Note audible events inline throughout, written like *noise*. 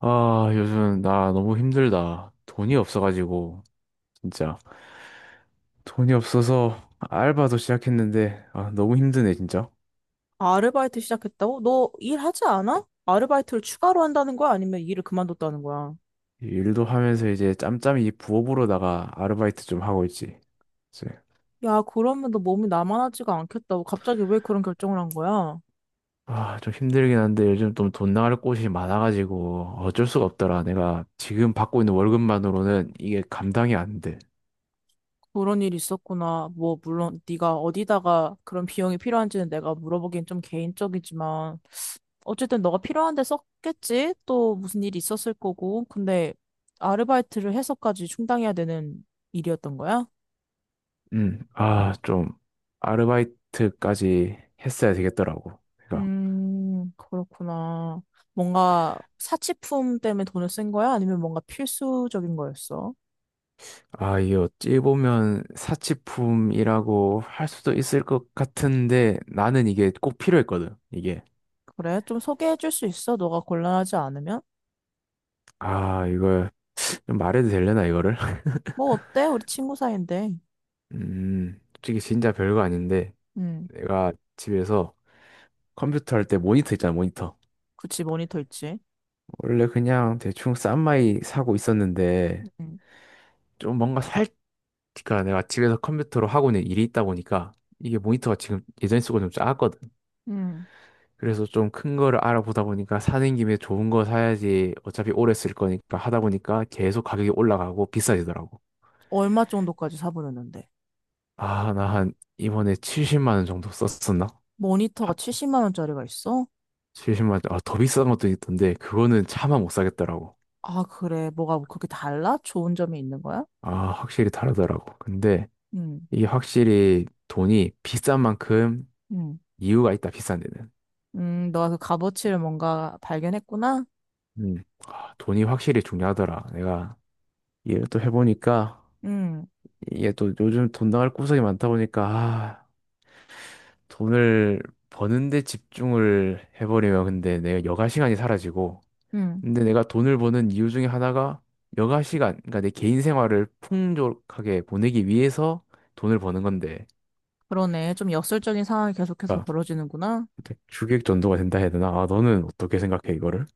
아, 요즘 나 너무 힘들다. 돈이 없어가지고, 진짜. 돈이 없어서 알바도 시작했는데, 아, 너무 힘드네, 진짜. 아르바이트 시작했다고? 너 일하지 않아? 아르바이트를 추가로 한다는 거야? 아니면 일을 그만뒀다는 거야? 일도 하면서 이제 짬짬이 부업으로다가 아르바이트 좀 하고 있지. 이제. 야, 그러면 너 몸이 나만하지가 않겠다고. 갑자기 왜 그런 결정을 한 거야? 아, 좀 힘들긴 한데 요즘 좀 돈 나갈 곳이 많아가지고 어쩔 수가 없더라. 내가 지금 받고 있는 월급만으로는 이게 감당이 안 돼. 그런 일이 있었구나. 뭐, 물론 네가 어디다가 그런 비용이 필요한지는 내가 물어보기엔 좀 개인적이지만 어쨌든 너가 필요한 데 썼겠지? 또 무슨 일이 있었을 거고. 근데 아르바이트를 해서까지 충당해야 되는 일이었던 거야? 아, 좀 아르바이트까지 했어야 되겠더라고. 그렇구나. 뭔가 사치품 때문에 돈을 쓴 거야? 아니면 뭔가 필수적인 거였어? 아, 이게 어찌 보면 사치품이라고 할 수도 있을 것 같은데 나는 이게 꼭 필요했거든. 이게. 그래, 좀 소개해 줄 수 있어? 너가 곤란하지 않으면? 아, 이거 좀 말해도 되려나 이거를? *laughs* 뭐 어때? 우리 친구 사이인데. 솔직히 진짜 별거 아닌데 음, 내가 집에서 컴퓨터 할 때 모니터 있잖아, 모니터. 그치, 모니터 있지. 원래 그냥 대충 싼 마이 사고 있었는데 음, 좀 뭔가 살 그러니까 내가 집에서 컴퓨터로 하고 있는 일이 있다 보니까 이게 모니터가 지금 예전에 쓰고 좀 작았거든. 음. 그래서 좀 큰 거를 알아보다 보니까 사는 김에 좋은 거 사야지 어차피 오래 쓸 거니까 하다 보니까 계속 가격이 올라가고 비싸지더라고. 얼마 정도까지 사보려는데? 아, 나 한 이번에 70만 원 정도 썼었나? 모니터가 아, 70만 원짜리가 있어? 70만 원, 아, 더 비싼 것도 있던데 그거는 차마 못 사겠더라고. 아, 그래. 뭐가 그렇게 달라? 좋은 점이 있는 거야? 아, 확실히 다르더라고. 근데 음, 이게 확실히 돈이 비싼 만큼 음. 이유가 있다, 비싼 데는. 너가 그 값어치를 뭔가 발견했구나? 음, 아, 돈이 확실히 중요하더라. 내가 이해를 또 해보니까 음, 이게 또 요즘 돈 나갈 구석이 많다 보니까 아, 돈을 버는데 집중을 해버리면 근데 내가 여가 시간이 사라지고 음. 근데 내가 돈을 버는 이유 중에 하나가 여가 시간, 그러니까 내 개인 생활을 풍족하게 보내기 위해서 돈을 버는 건데, 그러네. 좀 역설적인 상황이 계속해서 그러니까 벌어지는구나. 주객 전도가 된다 해야 되나? 아, 너는 어떻게 생각해 이거를?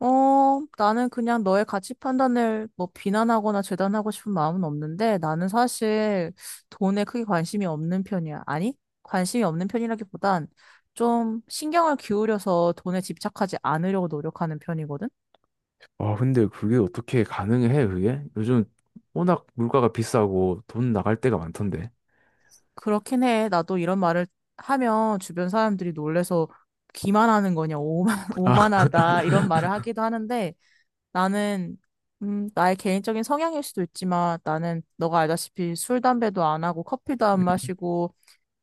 나는 그냥 너의 가치 판단을 뭐 비난하거나 재단하고 싶은 마음은 없는데 나는 사실 돈에 크게 관심이 없는 편이야. 아니, 관심이 없는 편이라기보단 좀 신경을 기울여서 돈에 집착하지 않으려고 노력하는 편이거든. 아, 근데 그게 어떻게 가능해 그게? 요즘 워낙 물가가 비싸고 돈 나갈 때가 많던데. 그렇긴 해. 나도 이런 말을 하면 주변 사람들이 놀래서 기만하는 거냐, 오만, *laughs* 아, 오만하다 이런 말을 하기도 하는데 나는, 나의 개인적인 성향일 수도 있지만 나는 너가 알다시피 술, 담배도 안 하고 커피도 안 *laughs* 마시고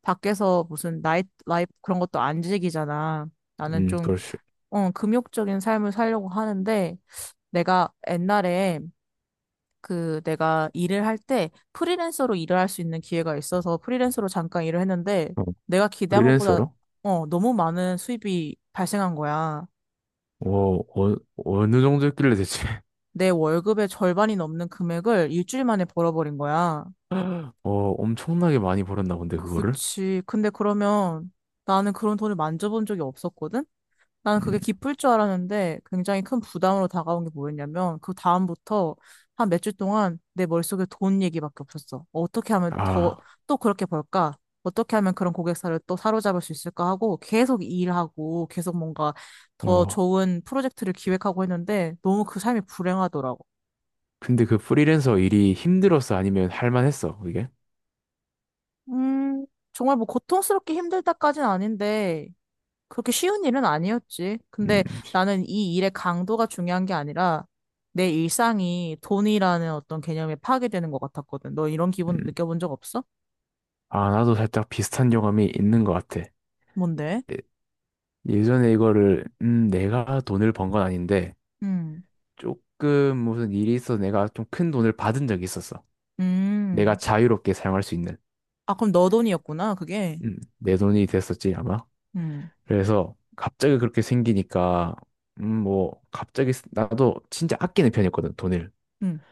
밖에서 무슨 나이트 라이프 그런 것도 안 즐기잖아. 나는 좀, 그렇지. 금욕적인 삶을 살려고 하는데 내가 옛날에 그 내가 일을 할 때 프리랜서로 일을 할 수 있는 기회가 있어서 프리랜서로 잠깐 일을 했는데 어, 내가 기대한 것보다 프리랜서로? 너무 많은 수입이 발생한 거야. 어, 어, 어느 정도 했길래 대체? 내 월급의 절반이 넘는 금액을 일주일 만에 벌어버린 거야. *gasps* *laughs* 어, 엄청나게 많이 벌었나 본데, 그거를? 그치. 근데 그러면 나는 그런 돈을 만져본 적이 없었거든? 나는 음, 그게 기쁠 줄 알았는데 굉장히 큰 부담으로 다가온 게 뭐였냐면 그 다음부터 한 몇 주 동안 내 머릿속에 돈 얘기밖에 없었어. 어떻게 하면 더, 아, 또 그렇게 벌까? 어떻게 하면 그런 고객사를 또 사로잡을 수 있을까 하고 계속 일하고 계속 뭔가 더 어. 좋은 프로젝트를 기획하고 했는데 너무 그 삶이 불행하더라고. 근데 그 프리랜서 일이 힘들었어? 아니면 할만했어, 그게? 음, 정말 뭐 고통스럽게 힘들다까진 아닌데 그렇게 쉬운 일은 아니었지. 근데 음, 나는 이 일의 강도가 중요한 게 아니라 내 일상이 돈이라는 어떤 개념에 파괴되는 것 같았거든. 너 이런 음. 기분 느껴본 적 없어? 아, 나도 살짝 비슷한 경험이 있는 것 같아. 뭔데? 예- 예전에 이거를, 내가 돈을 번 건 아닌데, 음, 조금 무슨 일이 있어서 내가 좀 큰 돈을 받은 적이 있었어. 내가 음. 자유롭게 사용할 수 있는. 아, 그럼 너 돈이었구나, 그게. 내 돈이 됐었지, 아마. 음, 그래서 갑자기 그렇게 생기니까, 뭐, 갑자기, 나도 진짜 아끼는 편이었거든, 돈을. 음,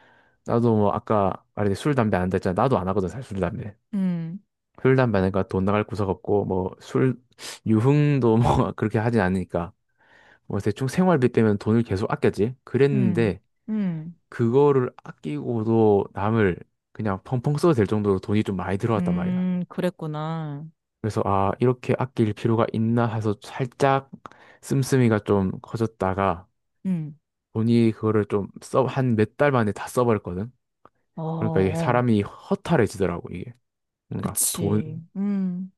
나도 뭐 아까 말했듯이 술, 담배 안 한다 했잖아. 나도 안 하거든, 사실 술, 담배. 음, 술, 담배 하니까 돈 나갈 구석 없고, 뭐 술, 유흥도 뭐 *laughs* 그렇게 하진 않으니까. 뭐 대충 생활비 빼면 돈을 계속 아꼈지. 음, 그랬는데 음, 그거를 아끼고도 남을 그냥 펑펑 써도 될 정도로 돈이 좀 많이 들어왔단 말이야. 그랬구나. 그래서 아, 이렇게 아낄 필요가 있나 해서 살짝 씀씀이가 좀 커졌다가 음, 돈이 그거를 좀 써, 한 몇 달 만에 다 써버렸거든. 어, 그러니까 이게 어, 사람이 허탈해지더라고, 이게. 뭔가 그치. 돈, 음.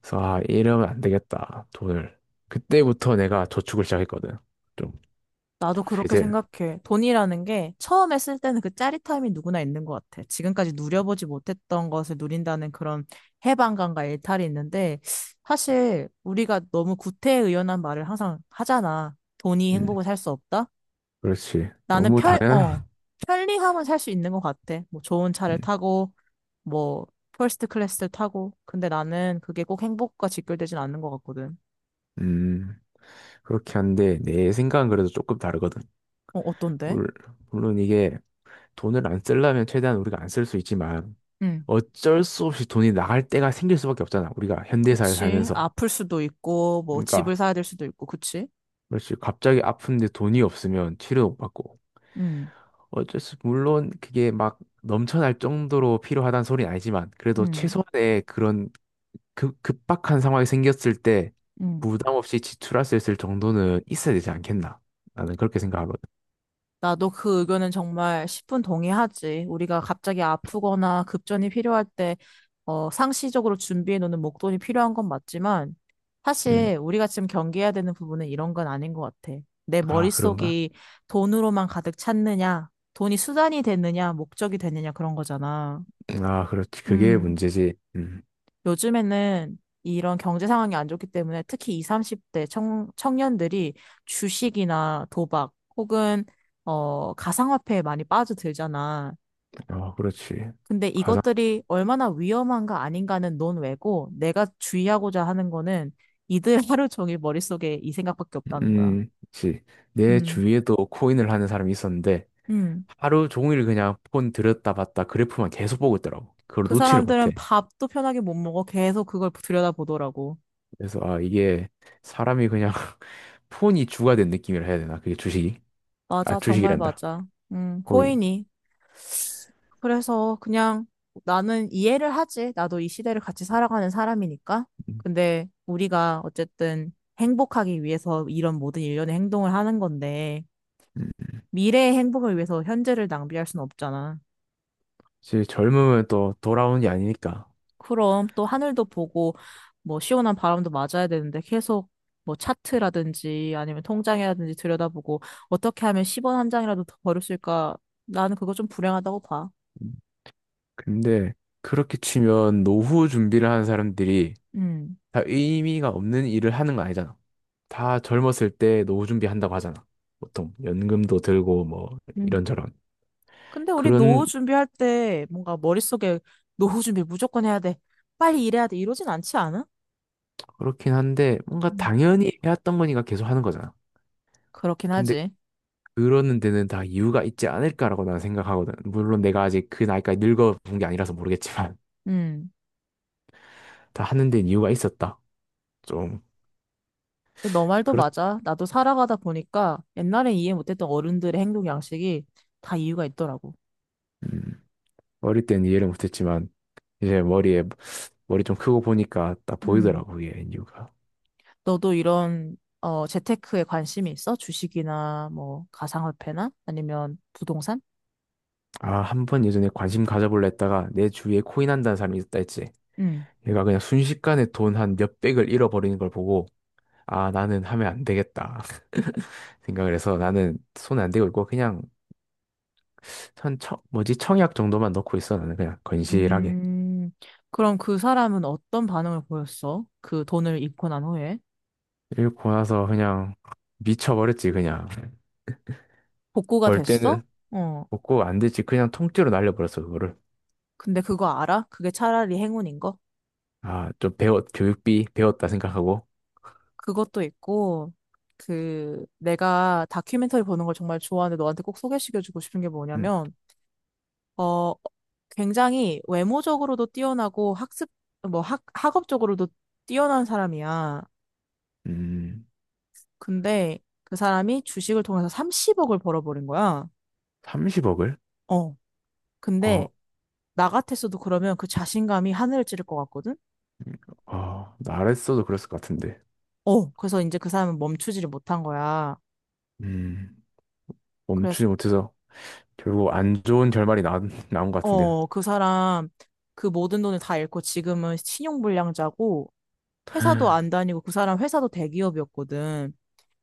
그래서 아, 이러면 안 되겠다. 돈을. 그때부터 내가 저축을 시작했거든. 좀 나도 그렇게 제재. 생각해. 돈이라는 게 처음에 쓸 때는 그 짜릿함이 누구나 있는 것 같아. 지금까지 누려보지 못했던 것을 누린다는 그런 해방감과 일탈이 있는데, 사실 우리가 너무 구태의연한 말을 항상 하잖아. 돈이 음, 행복을 살 수 없다? 그렇지. 나는 너무 당연한. 편리함은 살 수 있는 것 같아. 뭐 좋은 차를 음, 타고, 뭐 퍼스트 클래스를 타고. 근데 나는 그게 꼭 행복과 직결되진 않는 것 같거든. 음, 그렇게 한데 내 생각은 그래도 조금 다르거든. 어, 어떤데? 물, 물론 이게 돈을 안 쓰려면 최대한 우리가 안 쓸 수 있지만 응. 어쩔 수 없이 돈이 나갈 때가 생길 수밖에 없잖아. 우리가 현대사회 그치. 살면서. 아플 수도 있고, 뭐, 그러니까 집을 사야 될 수도 있고, 그치? 그렇지. 갑자기 아픈데 돈이 없으면 치료 못 받고. 응 어쩔 수, 물론 그게 막 넘쳐날 정도로 필요하다는 소리는 아니지만, 그래도 응 최소한의 그런 급박한 상황이 생겼을 때 응 부담 없이 지출할 수 있을 정도는 있어야 되지 않겠나? 나는 그렇게 생각하거든. 나도 그 의견은 정말 10분 동의하지. 우리가 갑자기 아프거나 급전이 필요할 때, 상시적으로 준비해 놓는 목돈이 필요한 건 맞지만, 음, 사실 우리가 지금 경계해야 되는 부분은 이런 건 아닌 것 같아. 내 아, 그런가? 머릿속이 돈으로만 가득 찼느냐, 돈이 수단이 됐느냐, 목적이 됐느냐, 그런 거잖아. 아, 그렇지. 그게 음. 문제지. 요즘에는 이런 경제 상황이 안 좋기 때문에 특히 20, 30대 청년들이 주식이나 도박 혹은 가상화폐에 많이 빠져들잖아. 아, 그렇지. 근데 가장, 이것들이 얼마나 위험한가 아닌가는 논외고 내가 주의하고자 하는 거는 이들 *laughs* 하루 종일 머릿속에 이 생각밖에 없다는 거야. 그내 음, 주위에도 코인을 하는 사람이 있었는데, 음. 하루 종일 그냥 폰 들었다 봤다 그래프만 계속 보고 있더라고. 그걸 그 놓지를 사람들은 못해. 밥도 편하게 못 먹어. 계속 그걸 들여다보더라고. 그래서 아 이게 사람이 그냥 *laughs* 폰이 주가 된 느낌이라 해야 되나? 그게 주식이? 아 맞아, 정말 주식이란다. 맞아. 코인. 코인이 그래서 그냥 나는 이해를 하지. 나도 이 시대를 같이 살아가는 사람이니까. 음, 근데 우리가 어쨌든 행복하기 위해서 이런 모든 일련의 행동을 하는 건데, 음. 미래의 행복을 위해서 현재를 낭비할 순 없잖아. 사실 젊음은 또 돌아오는 게 아니니까. 그럼 또 하늘도 보고, 뭐 시원한 바람도 맞아야 되는데 계속 뭐 차트라든지 아니면 통장이라든지 들여다보고 어떻게 하면 10원 한 장이라도 더 벌을 수 있을까? 나는 그거 좀 불행하다고 봐. 음, 근데 그렇게 치면 노후 준비를 하는 사람들이 음. 다 의미가 없는 일을 하는 거 아니잖아. 다 젊었을 때 노후 준비한다고 하잖아. 보통 연금도 들고 뭐 이런저런 근데 우리 그런 노후 준비할 때 뭔가 머릿속에 노후 준비 무조건 해야 돼. 빨리 일해야 돼. 이러진 않지 않아? 그렇긴 한데 뭔가 음. 당연히 해왔던 거니까 계속 하는 거잖아. 그렇긴 근데 하지. 그러는 데는 다 이유가 있지 않을까라고 나는 생각하거든. 물론 내가 아직 그 나이까지 늙어 본 게 아니라서 모르겠지만 음. *laughs* 다 하는 데는 이유가 있었다. 좀 근데 너 말도 그렇 맞아. 나도 살아가다 보니까 옛날에 이해 못했던 어른들의 행동 양식이 다 이유가 있더라고. 음, 어릴 때는 이해를 못했지만 이제 머리 좀 크고 보니까 딱 음. 보이더라고 그게 이유가. 너도 이런 재테크에 관심이 있어? 주식이나 뭐 가상화폐나 아니면 부동산? 아, 한 번 예전에 관심 가져볼라 했다가 내 주위에 코인 한다는 사람이 있다 했지. 음. 얘가 그냥 순식간에 돈 한 몇백을 잃어버리는 걸 보고 아, 나는 하면 안 되겠다 *laughs* 생각을 해서 나는 손 안 대고 있고 그냥 한 뭐지? 청약 정도만 넣고 있어, 나는 그냥 건실하게. 음. 그럼 그 사람은 어떤 반응을 보였어? 그 돈을 잃고 난 후에? 읽고 나서 그냥 미쳐버렸지, 그냥. 복구가 벌 됐어? 때는 어. 먹고 안 되지. 그냥 통째로 날려버렸어, 그거를. 근데 그거 알아? 그게 차라리 행운인 거? 아, 교육비 배웠다 생각하고. 그것도 있고, 그, 내가 다큐멘터리 보는 걸 정말 좋아하는데 너한테 꼭 소개시켜주고 싶은 게 음, 뭐냐면, 어, 굉장히 외모적으로도 뛰어나고 학습, 뭐 학업적으로도 뛰어난 사람이야. 음, 근데 그 사람이 주식을 통해서 30억을 벌어버린 거야. 30억을? 어. 근데 어, 나 같았어도 그러면 그 자신감이 하늘을 찌를 것 같거든? 어, 나랬어도 그랬을 것 같은데. 어. 그래서 이제 그 사람은 멈추지를 못한 거야. 음, 멈추지 그래서 못해서 결국 안 좋은 결말이 나온 것 같은데. 그 사람 그 모든 돈을 다 잃고 지금은 신용불량자고 회사도 안 다니고 그 사람 회사도 대기업이었거든.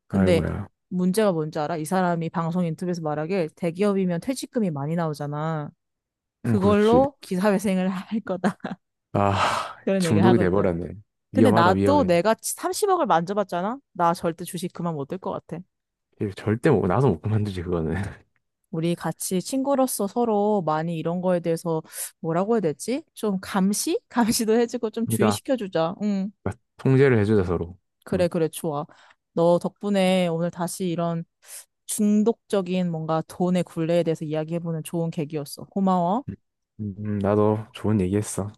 근데 아이고야. 문제가 뭔지 알아? 이 사람이 방송 인터뷰에서 말하길 대기업이면 퇴직금이 많이 나오잖아. 그렇지. 그걸로 기사회생을 *laughs* 할 거다. 아, 그런 얘기를 중독이 하고 있더라. 돼버렸네. 근데 위험하다, 나도 위험해. 내가 30억을 만져봤잖아? 나 절대 주식 그만 못 들 것 같아. 이거 절대 못, 나서 못 그만두지, 그거는. *laughs* 우리 같이 친구로서 서로 많이 이런 거에 대해서 뭐라고 해야 되지? 좀 감시? *laughs* 감시도 해주고 좀 그러니까 주의시켜주자. 응. 그러니까 통제를 해주자 서로. 그래, 음. 그래, 좋아. 너 덕분에 오늘 다시 이런 중독적인 뭔가 돈의 굴레에 대해서 이야기해보는 좋은 계기였어. 고마워. 나도 좋은 얘기했어.